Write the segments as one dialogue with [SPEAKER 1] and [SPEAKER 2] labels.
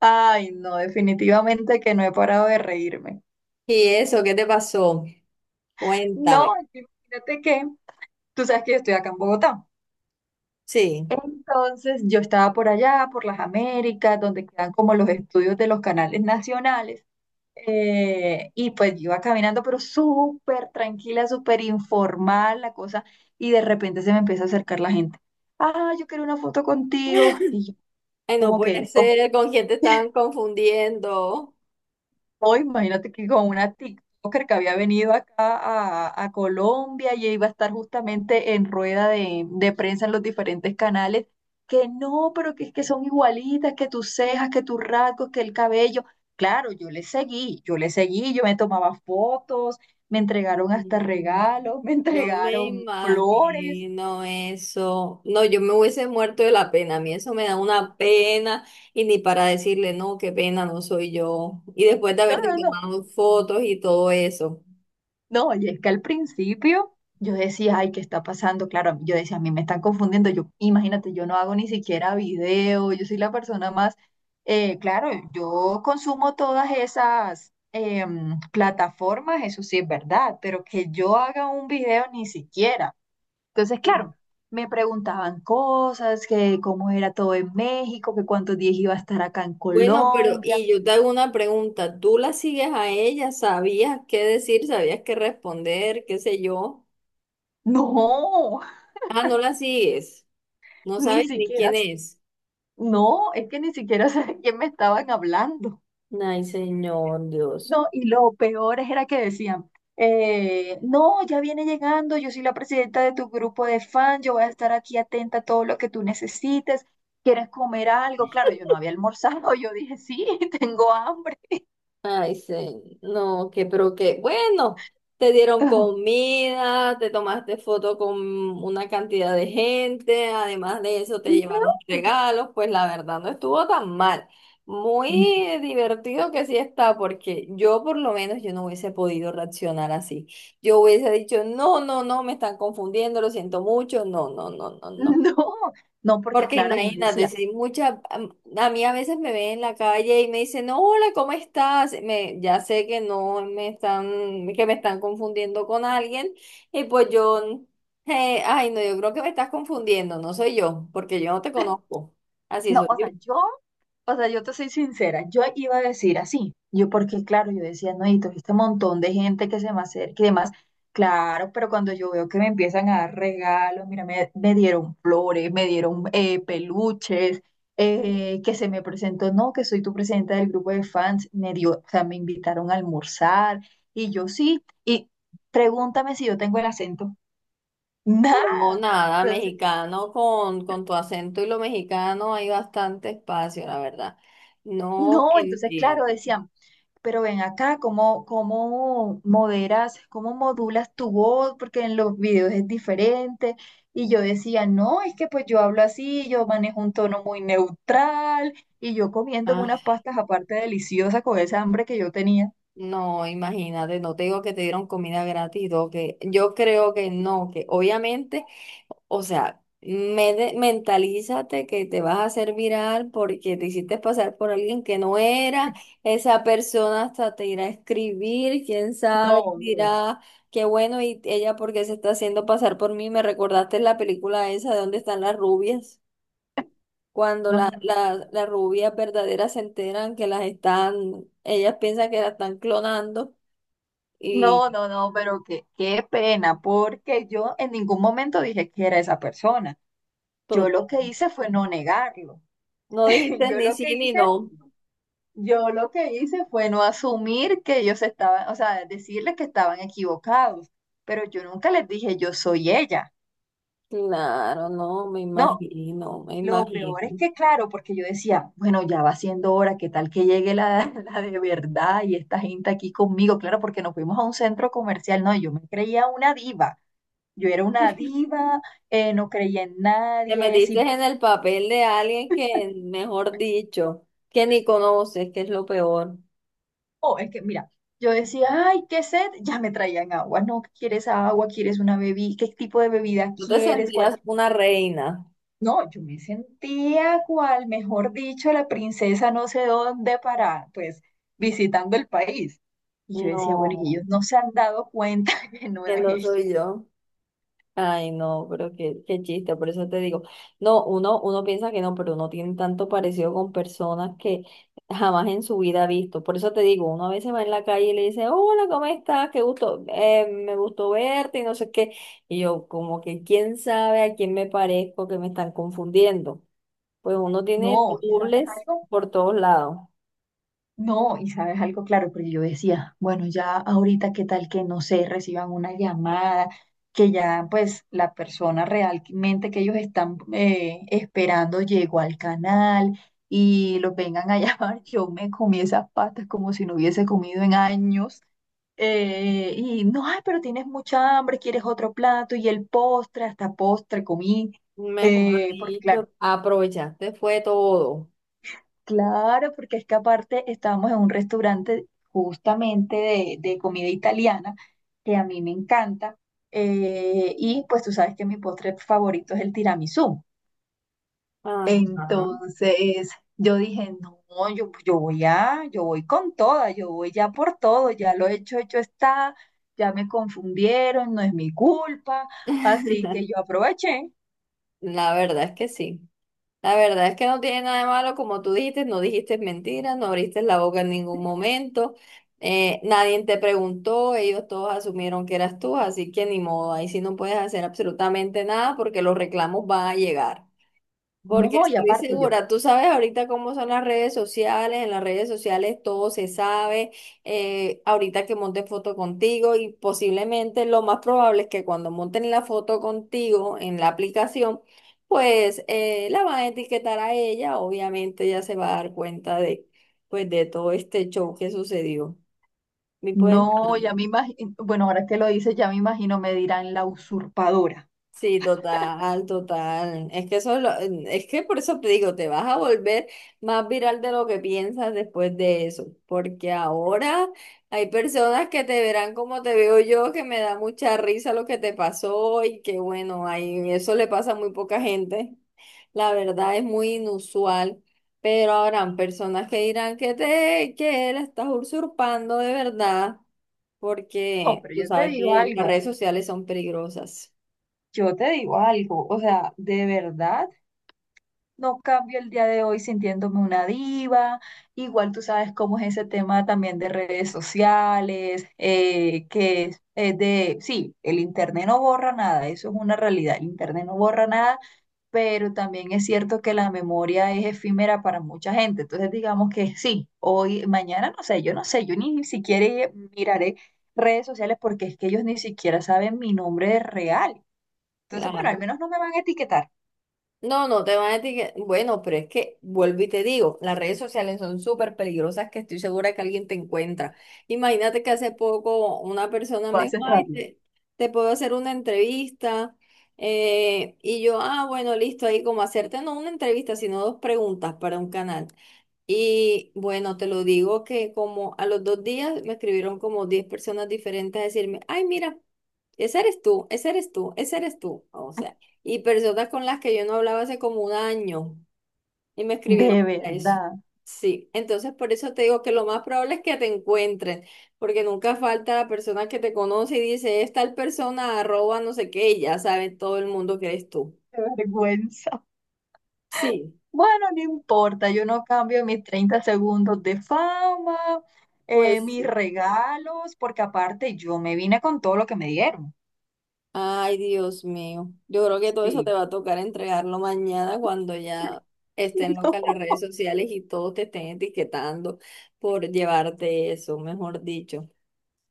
[SPEAKER 1] Ay, no, definitivamente que no he parado de reírme.
[SPEAKER 2] ¿Y eso qué te pasó? Cuéntame.
[SPEAKER 1] No, es que imagínate que tú sabes que yo estoy acá en Bogotá.
[SPEAKER 2] Sí.
[SPEAKER 1] Entonces yo estaba por allá, por las Américas, donde quedan como los estudios de los canales nacionales. Y pues yo iba caminando, pero súper tranquila, súper informal la cosa. Y de repente se me empieza a acercar la gente. Ah, yo quiero una foto contigo. Y yo
[SPEAKER 2] Ay, no
[SPEAKER 1] como
[SPEAKER 2] puede
[SPEAKER 1] que, ok.
[SPEAKER 2] ser, ¿con quién te estaban confundiendo?
[SPEAKER 1] No, imagínate que con una TikToker que había venido acá a Colombia y iba a estar justamente en rueda de prensa en los diferentes canales, que no, pero que es que son igualitas, que tus cejas, que tus rasgos, que el cabello. Claro, yo le seguí, yo le seguí, yo me tomaba fotos, me entregaron hasta
[SPEAKER 2] Mm,
[SPEAKER 1] regalos, me
[SPEAKER 2] yo me
[SPEAKER 1] entregaron flores.
[SPEAKER 2] imagino eso. No, yo me hubiese muerto de la pena. A mí eso me da una pena y ni para decirle, no, qué pena, no soy yo. Y después de
[SPEAKER 1] No,
[SPEAKER 2] haberte
[SPEAKER 1] no, no.
[SPEAKER 2] tomado fotos y todo eso.
[SPEAKER 1] No, y es que al principio yo decía, ay, ¿qué está pasando? Claro, yo decía, a mí me están confundiendo. Yo, imagínate, yo no hago ni siquiera video, yo soy la persona más, claro, yo consumo todas esas plataformas, eso sí es verdad, pero que yo haga un video ni siquiera. Entonces,
[SPEAKER 2] Sí.
[SPEAKER 1] claro, me preguntaban cosas, que cómo era todo en México, que cuántos días iba a estar acá en
[SPEAKER 2] Bueno, pero
[SPEAKER 1] Colombia.
[SPEAKER 2] y yo te hago una pregunta. ¿Tú la sigues a ella? ¿Sabías qué decir? ¿Sabías qué responder? ¿Qué sé yo?
[SPEAKER 1] No,
[SPEAKER 2] Ah, no la sigues. No
[SPEAKER 1] ni
[SPEAKER 2] sabes ni
[SPEAKER 1] siquiera.
[SPEAKER 2] quién es.
[SPEAKER 1] No, es que ni siquiera sé de quién me estaban hablando.
[SPEAKER 2] Ay, Señor Dios.
[SPEAKER 1] No, y lo peor es- era que decían, no, ya viene llegando, yo soy la presidenta de tu grupo de fans. Yo voy a estar aquí atenta a todo lo que tú necesites. ¿Quieres comer algo? Claro, yo no había almorzado, yo dije, sí, tengo hambre.
[SPEAKER 2] Ay, Señor. No, que, pero que, bueno, te dieron comida, te tomaste foto con una cantidad de gente, además de eso te llevaron regalos, pues la verdad no estuvo tan mal. Muy divertido que sí está, porque yo por lo menos yo no hubiese podido reaccionar así. Yo hubiese dicho, no, no, no, me están confundiendo, lo siento mucho, no, no, no, no, no.
[SPEAKER 1] No, no, porque
[SPEAKER 2] Porque
[SPEAKER 1] claro, yo
[SPEAKER 2] imagínate,
[SPEAKER 1] decía,
[SPEAKER 2] si mucha, a mí a veces me ven en la calle y me dicen, "No, hola, ¿cómo estás?" Me, ya sé que no me están, que me están confundiendo con alguien, y pues yo, ay, no, yo creo que me estás confundiendo, no soy yo, porque yo no te conozco. Así
[SPEAKER 1] no,
[SPEAKER 2] soy
[SPEAKER 1] o
[SPEAKER 2] yo.
[SPEAKER 1] sea, yo. O sea, yo te soy sincera, yo iba a decir así, yo porque claro, yo decía, no, y todo este montón de gente que se me acerca y demás, claro, pero cuando yo veo que me empiezan a dar regalos, mira, me dieron flores, me dieron peluches, que se me presentó, no, que soy tu presidenta del grupo de fans, me dio, o sea, me invitaron a almorzar, y yo sí, y pregúntame si yo tengo el acento,
[SPEAKER 2] No,
[SPEAKER 1] nada,
[SPEAKER 2] nada,
[SPEAKER 1] entonces,
[SPEAKER 2] mexicano con tu acento y lo mexicano hay bastante espacio, la verdad. No
[SPEAKER 1] no, entonces claro,
[SPEAKER 2] entiendo.
[SPEAKER 1] decían. Pero ven acá, ¿cómo, cómo moderas, cómo modulas tu voz? Porque en los videos es diferente. Y yo decía, no, es que pues yo hablo así, yo manejo un tono muy neutral y yo comiendo unas pastas aparte deliciosas con esa hambre que yo tenía.
[SPEAKER 2] No, imagínate, no te digo que te dieron comida gratis, todo, que yo creo que no, que obviamente, o sea, mentalízate que te vas a hacer viral porque te hiciste pasar por alguien que no era, esa persona hasta te irá a escribir, quién sabe,
[SPEAKER 1] No, no,
[SPEAKER 2] dirá, qué bueno, y ella porque se está haciendo pasar por mí. Me recordaste la película esa de dónde están las rubias, cuando
[SPEAKER 1] no, no,
[SPEAKER 2] la,
[SPEAKER 1] no, pero,
[SPEAKER 2] la, las rubias verdaderas se enteran que las están, ellas piensan que las están clonando
[SPEAKER 1] no,
[SPEAKER 2] y
[SPEAKER 1] no, no, pero qué, qué pena, porque yo en ningún momento dije que era esa persona. Yo
[SPEAKER 2] todo.
[SPEAKER 1] lo que hice fue no negarlo.
[SPEAKER 2] No dijiste
[SPEAKER 1] Yo
[SPEAKER 2] ni
[SPEAKER 1] lo
[SPEAKER 2] sí
[SPEAKER 1] que
[SPEAKER 2] ni
[SPEAKER 1] hice
[SPEAKER 2] no.
[SPEAKER 1] no. Yo lo que hice fue no asumir que ellos estaban, o sea, decirles que estaban equivocados, pero yo nunca les dije yo soy ella.
[SPEAKER 2] Claro, no, me
[SPEAKER 1] No,
[SPEAKER 2] imagino, me
[SPEAKER 1] lo peor es
[SPEAKER 2] imagino.
[SPEAKER 1] que, claro, porque yo decía, bueno, ya va siendo hora, ¿qué tal que llegue la, la de verdad y esta gente aquí conmigo? Claro, porque nos fuimos a un centro comercial, no, yo me creía una diva. Yo era una diva, no creía en
[SPEAKER 2] Te
[SPEAKER 1] nadie,
[SPEAKER 2] metiste
[SPEAKER 1] si.
[SPEAKER 2] en el papel de alguien que, mejor dicho, que ni conoces, que es lo peor.
[SPEAKER 1] Oh, es que mira, yo decía, ay, qué sed, ya me traían agua, no, ¿qué? ¿Quieres agua? ¿Quieres una bebida? ¿Qué tipo de bebida
[SPEAKER 2] Tú te
[SPEAKER 1] quieres? ¿Cuál?
[SPEAKER 2] sentías una reina.
[SPEAKER 1] No, yo me sentía cual, mejor dicho, la princesa no sé dónde para, pues, visitando el país. Y yo decía, bueno, y
[SPEAKER 2] No,
[SPEAKER 1] ellos no se han dado cuenta que no es
[SPEAKER 2] que no
[SPEAKER 1] ella.
[SPEAKER 2] soy yo. Ay, no, pero qué, qué chiste, por eso te digo, no, uno, uno piensa que no, pero uno tiene tanto parecido con personas que jamás en su vida ha visto. Por eso te digo, uno a veces va en la calle y le dice, hola, ¿cómo estás? Qué gusto, me gustó verte y no sé qué. Y yo, como que quién sabe a quién me parezco que me están confundiendo. Pues uno tiene
[SPEAKER 1] No, ¿y sabes
[SPEAKER 2] dobles
[SPEAKER 1] algo?
[SPEAKER 2] por todos lados.
[SPEAKER 1] No, y sabes algo, claro, porque yo decía, bueno, ya ahorita qué tal que no sé, reciban una llamada, que ya pues la persona realmente que ellos están esperando llegó al canal y los vengan a llamar, yo me comí esas pastas como si no hubiese comido en años. Y no, ay, pero tienes mucha hambre, quieres otro plato y el postre, hasta postre comí,
[SPEAKER 2] Mejor
[SPEAKER 1] porque claro.
[SPEAKER 2] dicho, aprovechaste fue todo.
[SPEAKER 1] Claro, porque es que aparte estábamos en un restaurante justamente de comida italiana, que a mí me encanta, y pues tú sabes que mi postre favorito es el tiramisú.
[SPEAKER 2] Ajá.
[SPEAKER 1] Entonces yo dije, no, yo voy a, yo voy con toda, yo voy ya por todo, ya lo hecho, hecho está, ya me confundieron, no es mi culpa, así que yo aproveché.
[SPEAKER 2] La verdad es que sí. La verdad es que no tiene nada de malo, como tú dijiste, no dijiste mentiras, no abriste la boca en ningún momento, nadie te preguntó, ellos todos asumieron que eras tú, así que ni modo, ahí sí no puedes hacer absolutamente nada porque los reclamos van a llegar. Porque
[SPEAKER 1] No, y
[SPEAKER 2] estoy
[SPEAKER 1] aparte yo.
[SPEAKER 2] segura, tú sabes ahorita cómo son las redes sociales, en las redes sociales todo se sabe, ahorita que monte foto contigo y posiblemente lo más probable es que cuando monten la foto contigo en la aplicación, pues la van a etiquetar a ella, obviamente ella se va a dar cuenta de, pues, de todo este show que sucedió.
[SPEAKER 1] No, ya me imagino, bueno, ahora que lo dices, ya me imagino, me dirán la usurpadora.
[SPEAKER 2] Sí, total, total. Es que eso es, es que por eso te digo, te vas a volver más viral de lo que piensas después de eso, porque ahora hay personas que te verán como te veo yo, que me da mucha risa lo que te pasó y que bueno, ahí eso le pasa a muy poca gente. La verdad es muy inusual, pero habrán personas que dirán que te, que la estás usurpando de verdad,
[SPEAKER 1] No,
[SPEAKER 2] porque
[SPEAKER 1] pero
[SPEAKER 2] tú
[SPEAKER 1] yo te
[SPEAKER 2] sabes
[SPEAKER 1] digo
[SPEAKER 2] que las
[SPEAKER 1] algo,
[SPEAKER 2] redes sociales son peligrosas.
[SPEAKER 1] yo te digo algo, o sea, de verdad. No cambio el día de hoy sintiéndome una diva. Igual tú sabes cómo es ese tema también de redes sociales, que es de, sí, el internet no borra nada, eso es una realidad, el internet no borra nada, pero también es cierto que la memoria es efímera para mucha gente. Entonces digamos que sí, hoy, mañana, no sé, yo no sé, yo ni siquiera miraré redes sociales porque es que ellos ni siquiera saben mi nombre real. Entonces, bueno, al
[SPEAKER 2] Claro.
[SPEAKER 1] menos no me van a etiquetar.
[SPEAKER 2] No, no te van a etiquetar. Bueno, pero es que vuelvo y te digo, las redes sociales son súper peligrosas, que estoy segura que alguien te encuentra. Imagínate que hace poco una persona
[SPEAKER 1] Va
[SPEAKER 2] me
[SPEAKER 1] a
[SPEAKER 2] dijo,
[SPEAKER 1] ser
[SPEAKER 2] ay,
[SPEAKER 1] rápido.
[SPEAKER 2] te puedo hacer una entrevista. Y yo, ah, bueno, listo, ahí como hacerte no una entrevista, sino dos preguntas para un canal. Y bueno, te lo digo que como a los 2 días me escribieron como 10 personas diferentes a decirme, ay, mira. Ese eres tú, ese eres tú, ese eres tú. O sea, y personas con las que yo no hablaba hace como un año y me
[SPEAKER 1] De
[SPEAKER 2] escribieron para eso.
[SPEAKER 1] verdad,
[SPEAKER 2] Sí, entonces por eso te digo que lo más probable es que te encuentren, porque nunca falta la persona que te conoce y dice, es tal persona, arroba, no sé qué, y ya sabe todo el mundo que eres tú.
[SPEAKER 1] qué vergüenza.
[SPEAKER 2] Sí,
[SPEAKER 1] Bueno, no importa, yo no cambio mis 30 segundos de fama,
[SPEAKER 2] pues
[SPEAKER 1] mis
[SPEAKER 2] sí.
[SPEAKER 1] regalos, porque aparte yo me vine con todo lo que me dieron.
[SPEAKER 2] Ay, Dios mío. Yo creo que todo eso
[SPEAKER 1] Sí.
[SPEAKER 2] te va a tocar entregarlo mañana cuando ya estén locas las
[SPEAKER 1] No,
[SPEAKER 2] redes sociales y todos te estén etiquetando por llevarte eso, mejor dicho.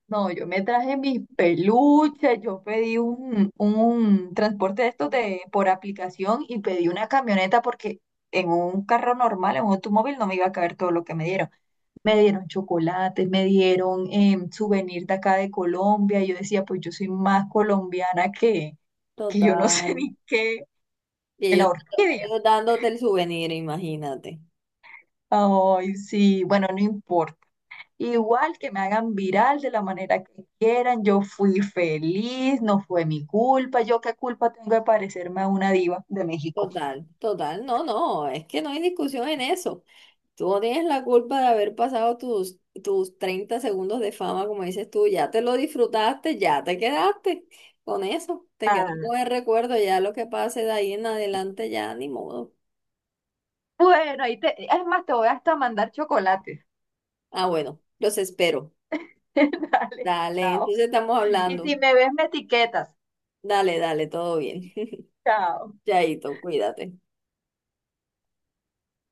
[SPEAKER 1] no, yo me traje mis peluches, yo pedí un transporte de estos de, por aplicación y pedí una camioneta porque en un carro normal, en un automóvil, no me iba a caber todo lo que me dieron. Me dieron chocolates, me dieron souvenir de acá de Colombia. Y yo decía, pues yo soy más colombiana que yo no sé
[SPEAKER 2] Total.
[SPEAKER 1] ni qué, que
[SPEAKER 2] Y
[SPEAKER 1] la
[SPEAKER 2] ellos,
[SPEAKER 1] orquídea.
[SPEAKER 2] ellos dándote el souvenir, imagínate.
[SPEAKER 1] Ay, sí, bueno, no importa. Igual que me hagan viral de la manera que quieran, yo fui feliz, no fue mi culpa, yo qué culpa tengo de parecerme a una diva de México.
[SPEAKER 2] Total, total. No, no, es que no hay discusión en eso. Tú no tienes la culpa de haber pasado tus, tus 30 segundos de fama, como dices tú. Ya te lo disfrutaste, ya te quedaste con eso, te quedaste
[SPEAKER 1] Ah,
[SPEAKER 2] con el recuerdo, ya lo que pase de ahí en adelante, ya ni modo.
[SPEAKER 1] bueno, ahí te, es más, te voy hasta mandar chocolates.
[SPEAKER 2] Ah, bueno, los espero.
[SPEAKER 1] Dale,
[SPEAKER 2] Dale,
[SPEAKER 1] chao.
[SPEAKER 2] entonces estamos
[SPEAKER 1] Y
[SPEAKER 2] hablando.
[SPEAKER 1] si me ves, me etiquetas.
[SPEAKER 2] Dale, dale, todo bien.
[SPEAKER 1] Chao.
[SPEAKER 2] Chaito, cuídate.